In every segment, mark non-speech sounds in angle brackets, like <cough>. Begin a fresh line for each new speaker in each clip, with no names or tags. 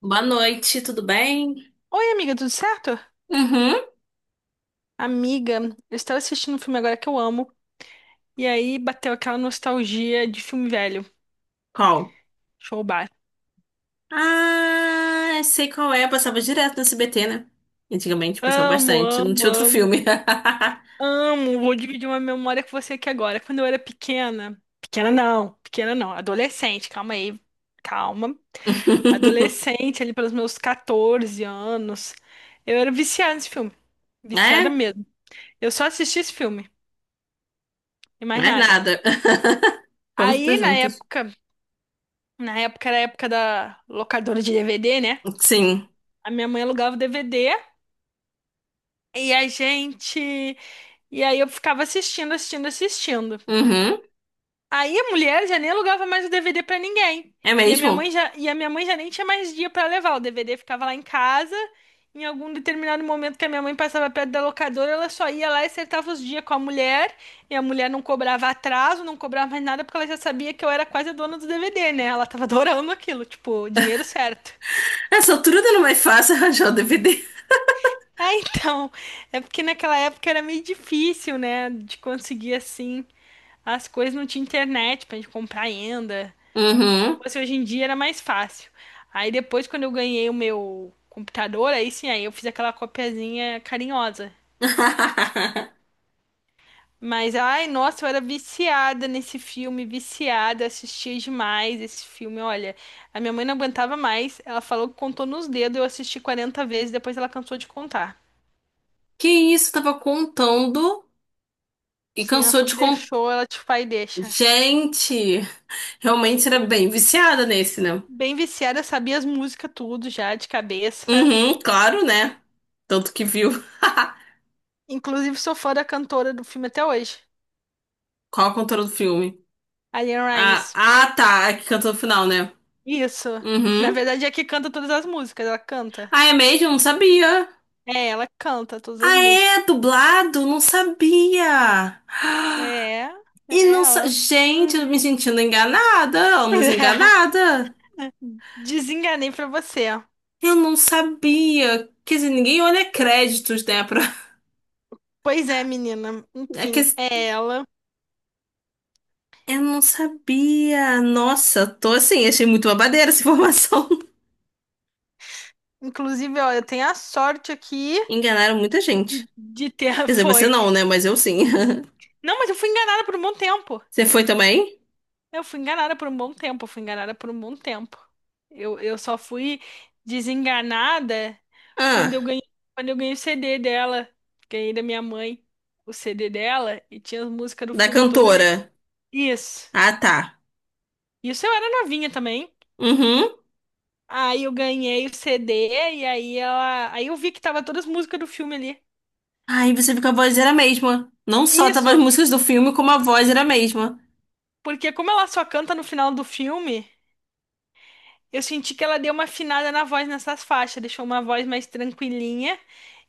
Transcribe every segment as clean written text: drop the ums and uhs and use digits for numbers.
Boa noite, tudo bem?
Oi, amiga, tudo certo?
Uhum.
Amiga, eu estava assistindo um filme agora que eu amo. E aí bateu aquela nostalgia de filme velho.
Qual?
Show bar.
Ah, eu sei qual é. Passava direto no SBT, né? Antigamente passava
Amo,
bastante. Não
amo,
tinha outro filme.
amo, amo. Vou dividir uma memória com você aqui agora. Quando eu era pequena. Pequena não, pequena não. Adolescente, calma aí. Calma.
<laughs>
Adolescente, ali pelos meus 14 anos. Eu era viciada nesse filme. Viciada
É?
mesmo. Eu só assisti esse filme e mais
Mais
nada.
nada. <laughs> Vamos estar
Aí, na
juntas.
época. Na época era a época da locadora de DVD, né?
Sim.
A minha mãe alugava o DVD e a gente. E aí eu ficava assistindo, assistindo, assistindo.
Uhum.
Aí a mulher já nem alugava mais o DVD pra ninguém.
É mesmo?
E a minha mãe já nem tinha mais dia pra levar. O DVD ficava lá em casa. Em algum determinado momento que a minha mãe passava perto da locadora, ela só ia lá e acertava os dias com a mulher. E a mulher não cobrava atraso, não cobrava mais nada, porque ela já sabia que eu era quase a dona do DVD, né? Ela tava adorando aquilo, tipo, dinheiro certo.
Essa altura não é mais fácil <laughs> arranjar o DVD.
<laughs> É, então, é porque naquela época era meio difícil, né, de conseguir assim as coisas, não tinha internet pra gente comprar ainda. Se
Uhum.
fosse hoje em dia era mais fácil. Aí depois, quando eu ganhei o meu computador, aí sim, aí eu fiz aquela copiazinha carinhosa.
<laughs>
Mas, ai, nossa, eu era viciada nesse filme, viciada, assistia demais esse filme. Olha, a minha mãe não aguentava mais, ela falou que contou nos dedos, eu assisti 40 vezes, depois ela cansou de contar.
Que isso? Tava contando e
Sim, ela
cansou
falou
de
que
contar.
deixou, ela tipo, pai, deixa.
Gente, realmente era bem viciada nesse, né?
Bem viciada, sabia as músicas tudo já de cabeça.
Uhum, claro, né? Tanto que viu. <laughs>
Inclusive, sou fã da cantora do filme até hoje,
Qual a cantora do filme?
a Leanne
Ah,
Rimes.
ah, tá. É que cantou no final, né?
Isso. Que na
Uhum.
verdade é que canta todas as músicas, ela canta.
Ah, é mesmo? Não sabia.
É, ela canta todas as
Ah,
músicas.
é? Dublado? Não sabia. <gasps>
É,
E
é
não sa...
ela.
Gente, eu me
Uhum.
sentindo enganada, ou
<laughs>
desenganada.
Desenganei pra você. Ó.
Eu não sabia. Quer dizer, ninguém olha créditos, né?
Pois é, menina.
<laughs> É que...
Enfim,
assim,
é ela.
Eu não sabia. Nossa, tô assim, achei muito babadeira essa informação.
Inclusive, ó, eu tenho a sorte aqui
<laughs> Enganaram muita
de,
gente.
de ter. <laughs>
Quer dizer, você
Foi.
não, né? Mas eu sim. <laughs>
Não, mas eu fui enganada por um bom tempo.
Você foi também?
Eu fui enganada por um bom tempo, eu fui enganada por um bom tempo. Eu só fui desenganada
Ah,
quando eu ganhei, quando eu ganhei o CD dela. Ganhei da minha mãe o CD dela e tinha as músicas do
da
filme todo ali.
cantora.
Isso.
Ah, tá.
Isso eu era novinha também.
Uhum.
Aí eu ganhei o CD e aí eu vi que tava todas as músicas do filme ali.
Aí você viu que a voz era a mesma. Não só tava as
Isso,
músicas do filme, como a voz era a mesma.
porque como ela só canta no final do filme, eu senti que ela deu uma afinada na voz nessas faixas, deixou uma voz mais tranquilinha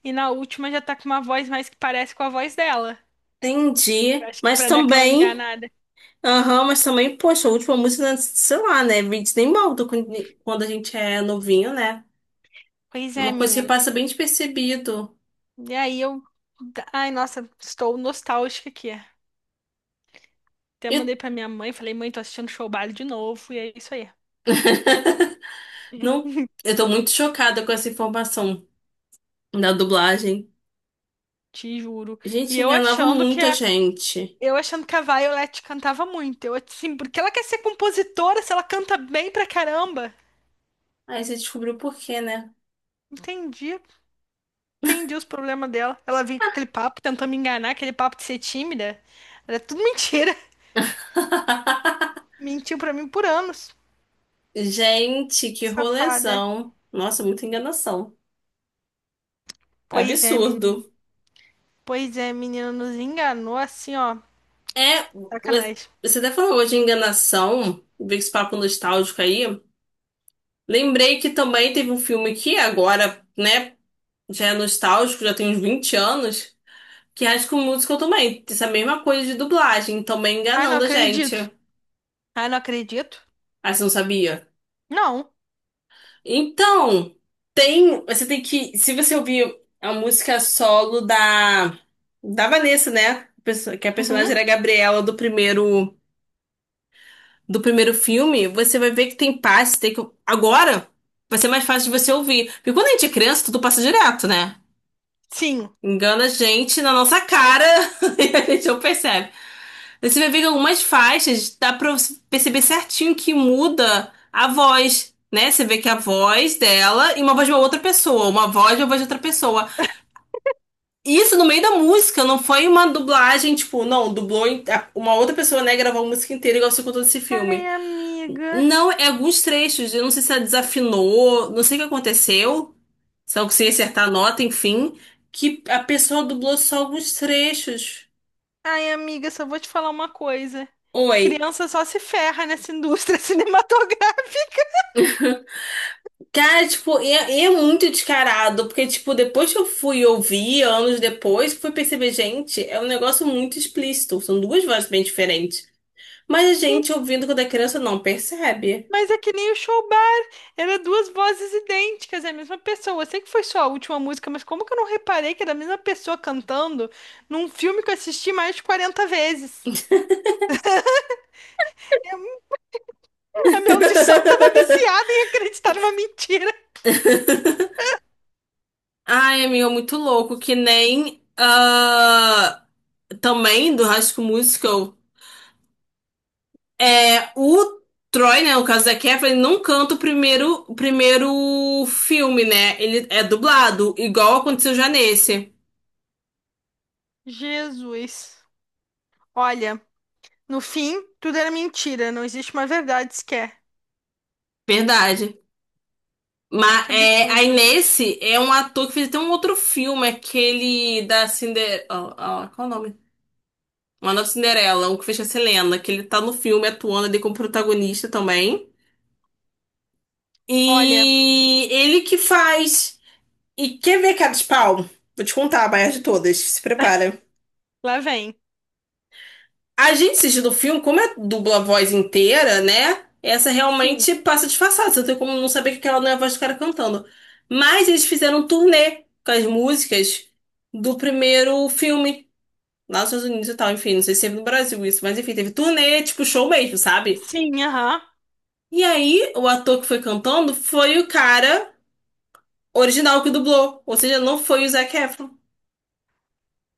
e na última já tá com uma voz mais que parece com a voz dela. Eu
Entendi.
acho que
Mas
pra dar aquela
também.
enganada.
Aham, mas também, poxa, a última música, sei lá, né? Disney Mountain, quando a gente é novinho, né?
Pois
É
é,
uma coisa que
menina.
passa bem despercebido.
E aí eu, ai, nossa, estou nostálgica aqui. Até
E-
mandei pra minha mãe, falei, mãe, tô assistindo Show Baile de novo e é isso aí.
<laughs>
<laughs>
Não, eu tô muito chocada com essa informação da dublagem.
Te juro.
Gente,
E
enganava muita gente.
eu achando que a Violet cantava muito. Eu assim, porque ela quer ser compositora, se ela canta bem pra caramba.
Aí você descobriu por quê, né?
Entendi. Entendi os problemas dela. Ela veio com aquele papo, tentou me enganar, aquele papo de ser tímida. Era tudo <laughs> mentira.
<laughs>
Mentiu pra mim por anos.
Gente, que
Que safada.
rolezão. Nossa, muita enganação.
Pois é, menino.
Absurdo.
Pois é, menino, nos enganou assim, ó.
É, você
Sacanagem.
você até falou hoje de enganação, veio esse papo nostálgico aí. Lembrei que também teve um filme que agora, né, já é nostálgico, já tem uns 20 anos, que é High School Musical também. Essa mesma coisa de dublagem, também
Ai, não
enganando a gente.
acredito. Ai, não acredito.
Ah, você não sabia?
Não.
Então, tem, você tem que, se você ouvir a música solo da Vanessa, né? Que a personagem
Uhum.
era a Gabriela do primeiro filme, você vai ver que tem passe, tem que agora vai ser mais fácil de você ouvir. Porque quando a gente é criança, tudo passa direto, né?
Sim.
Engana a gente na nossa cara <laughs> e a gente não percebe. Você vai ver que algumas faixas dá pra você perceber certinho que muda a voz, né? Você vê que a voz dela e uma voz de uma outra pessoa, uma voz e uma voz de outra pessoa. Isso no meio da música, não foi uma dublagem, tipo, não, dublou uma outra pessoa, né, gravou a música inteira igual você contou desse
Ai,
filme.
amiga.
Não, é alguns trechos, eu não sei se ela desafinou, não sei o que aconteceu, se ela conseguiu acertar a nota, enfim, que a pessoa dublou só alguns trechos.
Ai, amiga, só vou te falar uma coisa.
Oi,
Criança só se ferra nessa indústria <laughs> cinematográfica.
cara, tipo, é muito descarado, porque, tipo, depois que eu fui ouvir, anos depois, fui perceber, gente, é um negócio muito explícito, são duas vozes bem diferentes. Mas a gente, ouvindo quando é criança, não percebe.
Mas é que nem o show bar, era duas vozes idênticas, é a mesma pessoa. Eu sei que foi só a última música, mas como que eu não reparei que era a mesma pessoa cantando num filme que eu assisti mais de 40 vezes? Eu- A minha audição tava viciada em acreditar numa mentira.
Ai, amigo, é muito louco, que nem, ah, também do High School Musical, é, o Troy, né, no caso da Kevin, ele não canta o primeiro filme, né, ele é dublado, igual aconteceu já nesse.
Jesus. Olha, no fim, tudo era mentira, não existe uma verdade sequer.
Verdade. Mas
Que
é, aí
absurdo.
nesse é um ator que fez até um outro filme, aquele da Cinderela, qual é o nome? Uma Nova Cinderela, o que fez com a Selena, que ele tá no filme atuando ali como protagonista também.
Olha,
E ele que faz. E quer ver cara de pau? Vou te contar a maior de todas. Se prepara.
lá vem.
A gente assistindo o filme, como é dubla a voz inteira, né? Essa
Sim,
realmente passa disfarçada. Você não tem como não saber que aquela não é a voz do cara cantando. Mas eles fizeram um turnê com as músicas do primeiro filme, lá nos Estados Unidos e tal. Enfim, não sei se teve no Brasil isso, mas enfim, teve turnê, tipo show mesmo, sabe?
sim, aham.
E aí, o ator que foi cantando foi o cara original que dublou. Ou seja, não foi o Zac Efron.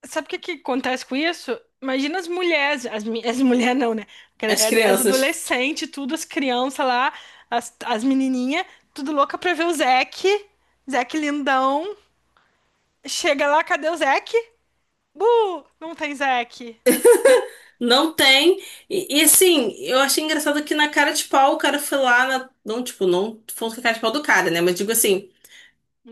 Sabe o que que acontece com isso? Imagina as mulheres, as mulheres não, né?
As
Credo, as
crianças.
adolescentes, tudo, as crianças lá, as menininhas, tudo louca pra ver o Zeke. Zeke lindão. Chega lá, cadê o Zeke? Bu! Não tem Zeke.
Não tem. Assim, eu achei engraçado que na cara de pau o cara foi lá na. Não, tipo, não falando que a cara de pau do cara, né? Mas digo assim,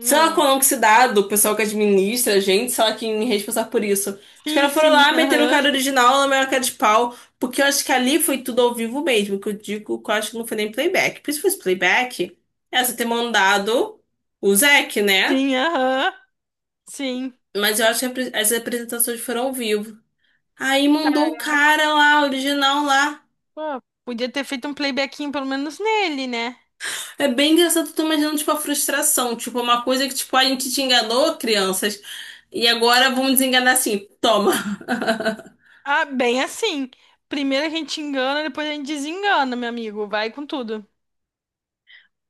sei lá qual é o nome que se dá do pessoal que administra a gente, sei lá quem é responsável por isso. Os
Sim,
caras foram
sim,
lá, meteram o
aham.
cara original na maior cara de pau, porque eu acho que ali foi tudo ao vivo mesmo, que eu digo que eu acho que não foi nem playback. Por isso que fosse playback, essa ter mandado o Zac, né?
Sim, aham. Sim.
Mas eu acho que as apresentações foram ao vivo. Aí mandou o cara lá, original lá.
Pô, podia ter feito um playbackinho pelo menos nele, né?
É bem engraçado, eu tô imaginando, tipo, a frustração. Tipo, uma coisa que, tipo, a gente te enganou, crianças, e agora vamos desenganar assim, toma.
Ah, bem assim. Primeiro a gente engana, depois a gente desengana, meu amigo. Vai com tudo.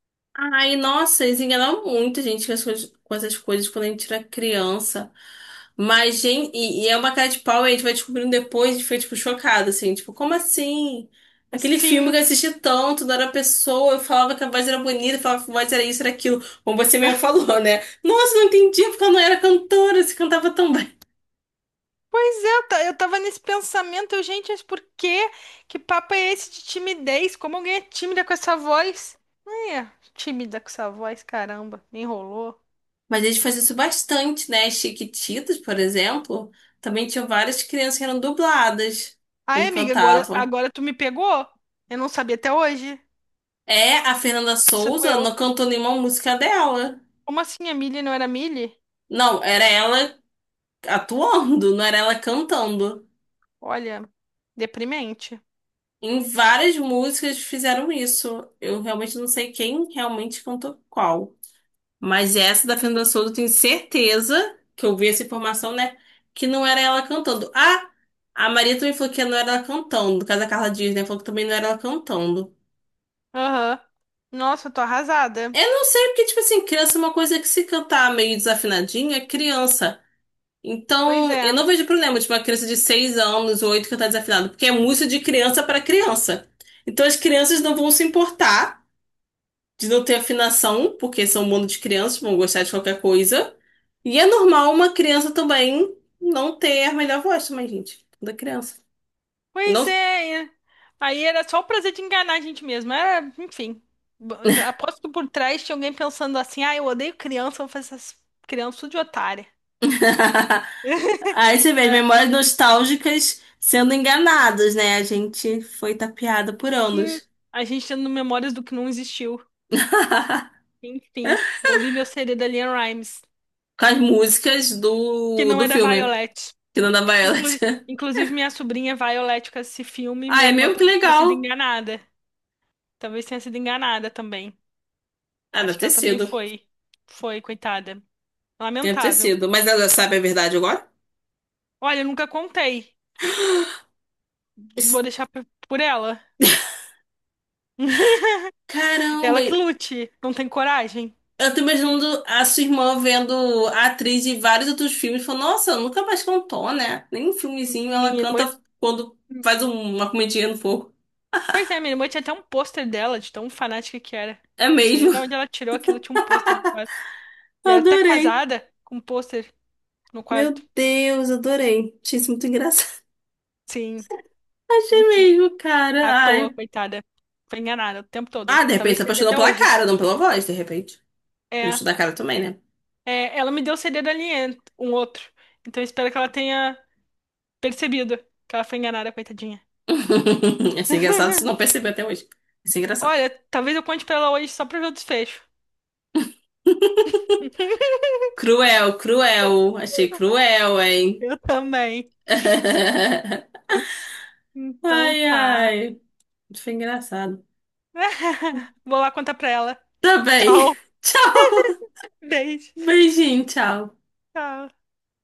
<laughs> Ai, nossa, eles enganavam muito gente com essas coisas, quando a gente era criança. Mas, gente, e é uma cara de pau, e a gente vai descobrindo depois, e foi, tipo, chocado, assim, tipo, como assim? Aquele filme
Sim.
que eu assisti tanto, não era a pessoa, eu falava que a voz era bonita, eu falava que a voz era isso, era aquilo. Como você mesmo falou, né? Nossa, não entendia porque ela não era cantora, se cantava tão bem.
Pois é, eu tava nesse pensamento, eu, gente, mas por quê? Que papo é esse de timidez? Como alguém é tímida com essa voz? É, tímida com essa voz, caramba, me enrolou.
Mas eles faziam isso bastante, né? Chiquititas, por exemplo, também tinham várias crianças que eram dubladas
Ai,
quando
amiga,
cantavam.
agora tu me pegou? Eu não sabia até hoje.
É, a Fernanda
Isso
Souza
doeu.
não cantou nenhuma música dela.
Como assim a Millie não era Millie?
Não, era ela atuando, não era ela cantando.
Olha, deprimente.
Em várias músicas fizeram isso. Eu realmente não sei quem realmente cantou qual. Mas essa da Fernanda Souza, eu tenho certeza que eu vi essa informação, né? Que não era ela cantando. Ah, a Maria também falou que não era ela cantando. No caso da Carla Dias, né? Falou que também não era ela cantando.
Aham. Nossa, eu tô arrasada.
Eu não sei, porque, tipo assim, criança é uma coisa que se cantar meio desafinadinha, é criança.
Pois
Então, eu
é.
não vejo problema de uma criança de 6 anos ou 8 cantar desafinado, porque é música de criança para criança. Então, as crianças não vão se importar, de não ter afinação, porque são um mundo de crianças, vão gostar de qualquer coisa. E é normal uma criança também não ter a melhor voz também, gente. Da criança.
Pois
Não...
é. É. Aí era só o prazer de enganar a gente mesmo. Era, enfim. Bo- Aposto que por trás tinha alguém pensando assim: ah, eu odeio criança, eu vou fazer essas crianças tudo de otária.
<laughs> Aí
<laughs>
você vê as
É.
memórias nostálgicas sendo enganadas, né? A gente foi tapeada por
Sim,
anos.
a gente tendo memórias do que não existiu.
<laughs>
Enfim, ouvi meu CD da Liam Rimes,
Com as músicas
que
do,
não
do
é da
filme,
Violet.
que não dava elas.
Inclu-
<laughs>
Inclusive, minha sobrinha Violet com esse filme,
Ah,
minha
é
irmã
mesmo, que
também tenha sido
legal.
enganada. Talvez tenha sido enganada também.
Ah,
Acho
deve
que
ter
ela também
sido.
foi. Foi, coitada.
Deve ter
Lamentável.
sido. Mas ela sabe a verdade agora?
Olha, eu nunca contei. Vou
Es-
deixar por ela.
Caramba!
Ela que lute. Não tem coragem.
Eu tô imaginando a sua irmã vendo a atriz de vários outros filmes, falando, nossa, ela nunca mais cantou, né? Nem um filmezinho ela
Minha irmã.
canta quando faz uma comidinha no fogo.
Pois é, minha irmã tinha até um pôster dela, de tão fanática que era.
É
Não sei
mesmo.
nem de onde
<laughs>
ela tirou aquilo, tinha um pôster no quarto. E ela é até
Adorei.
casada com um pôster no
Meu
quarto.
Deus, adorei. Achei isso muito engraçado.
Sim,
<laughs> Achei
enfim.
mesmo, cara.
À toa,
Ai.
coitada. Foi enganada o tempo todo.
Ah, de repente
Talvez
se
seja
apaixonou
até
pela
hoje.
cara, não pela voz, de repente. O
É.
gosto da cara também, né?
É, ela me deu o CD do Alien, um outro. Então eu espero que ela tenha percebido que ela foi enganada, coitadinha.
<laughs> Ia engraçado se não
<laughs>
perceber até hoje. Ia ser engraçado.
Olha, talvez eu conte pra ela hoje só pra ver o desfecho. <laughs>
Cruel, cruel. Achei cruel, hein?
Eu também.
<laughs>
Então
Ai,
tá.
ai. Isso foi engraçado.
<laughs> Vou lá contar pra ela.
Tá bem.
Tchau.
<laughs> Tchau.
Beijo.
Beijinho, tchau.
Tchau.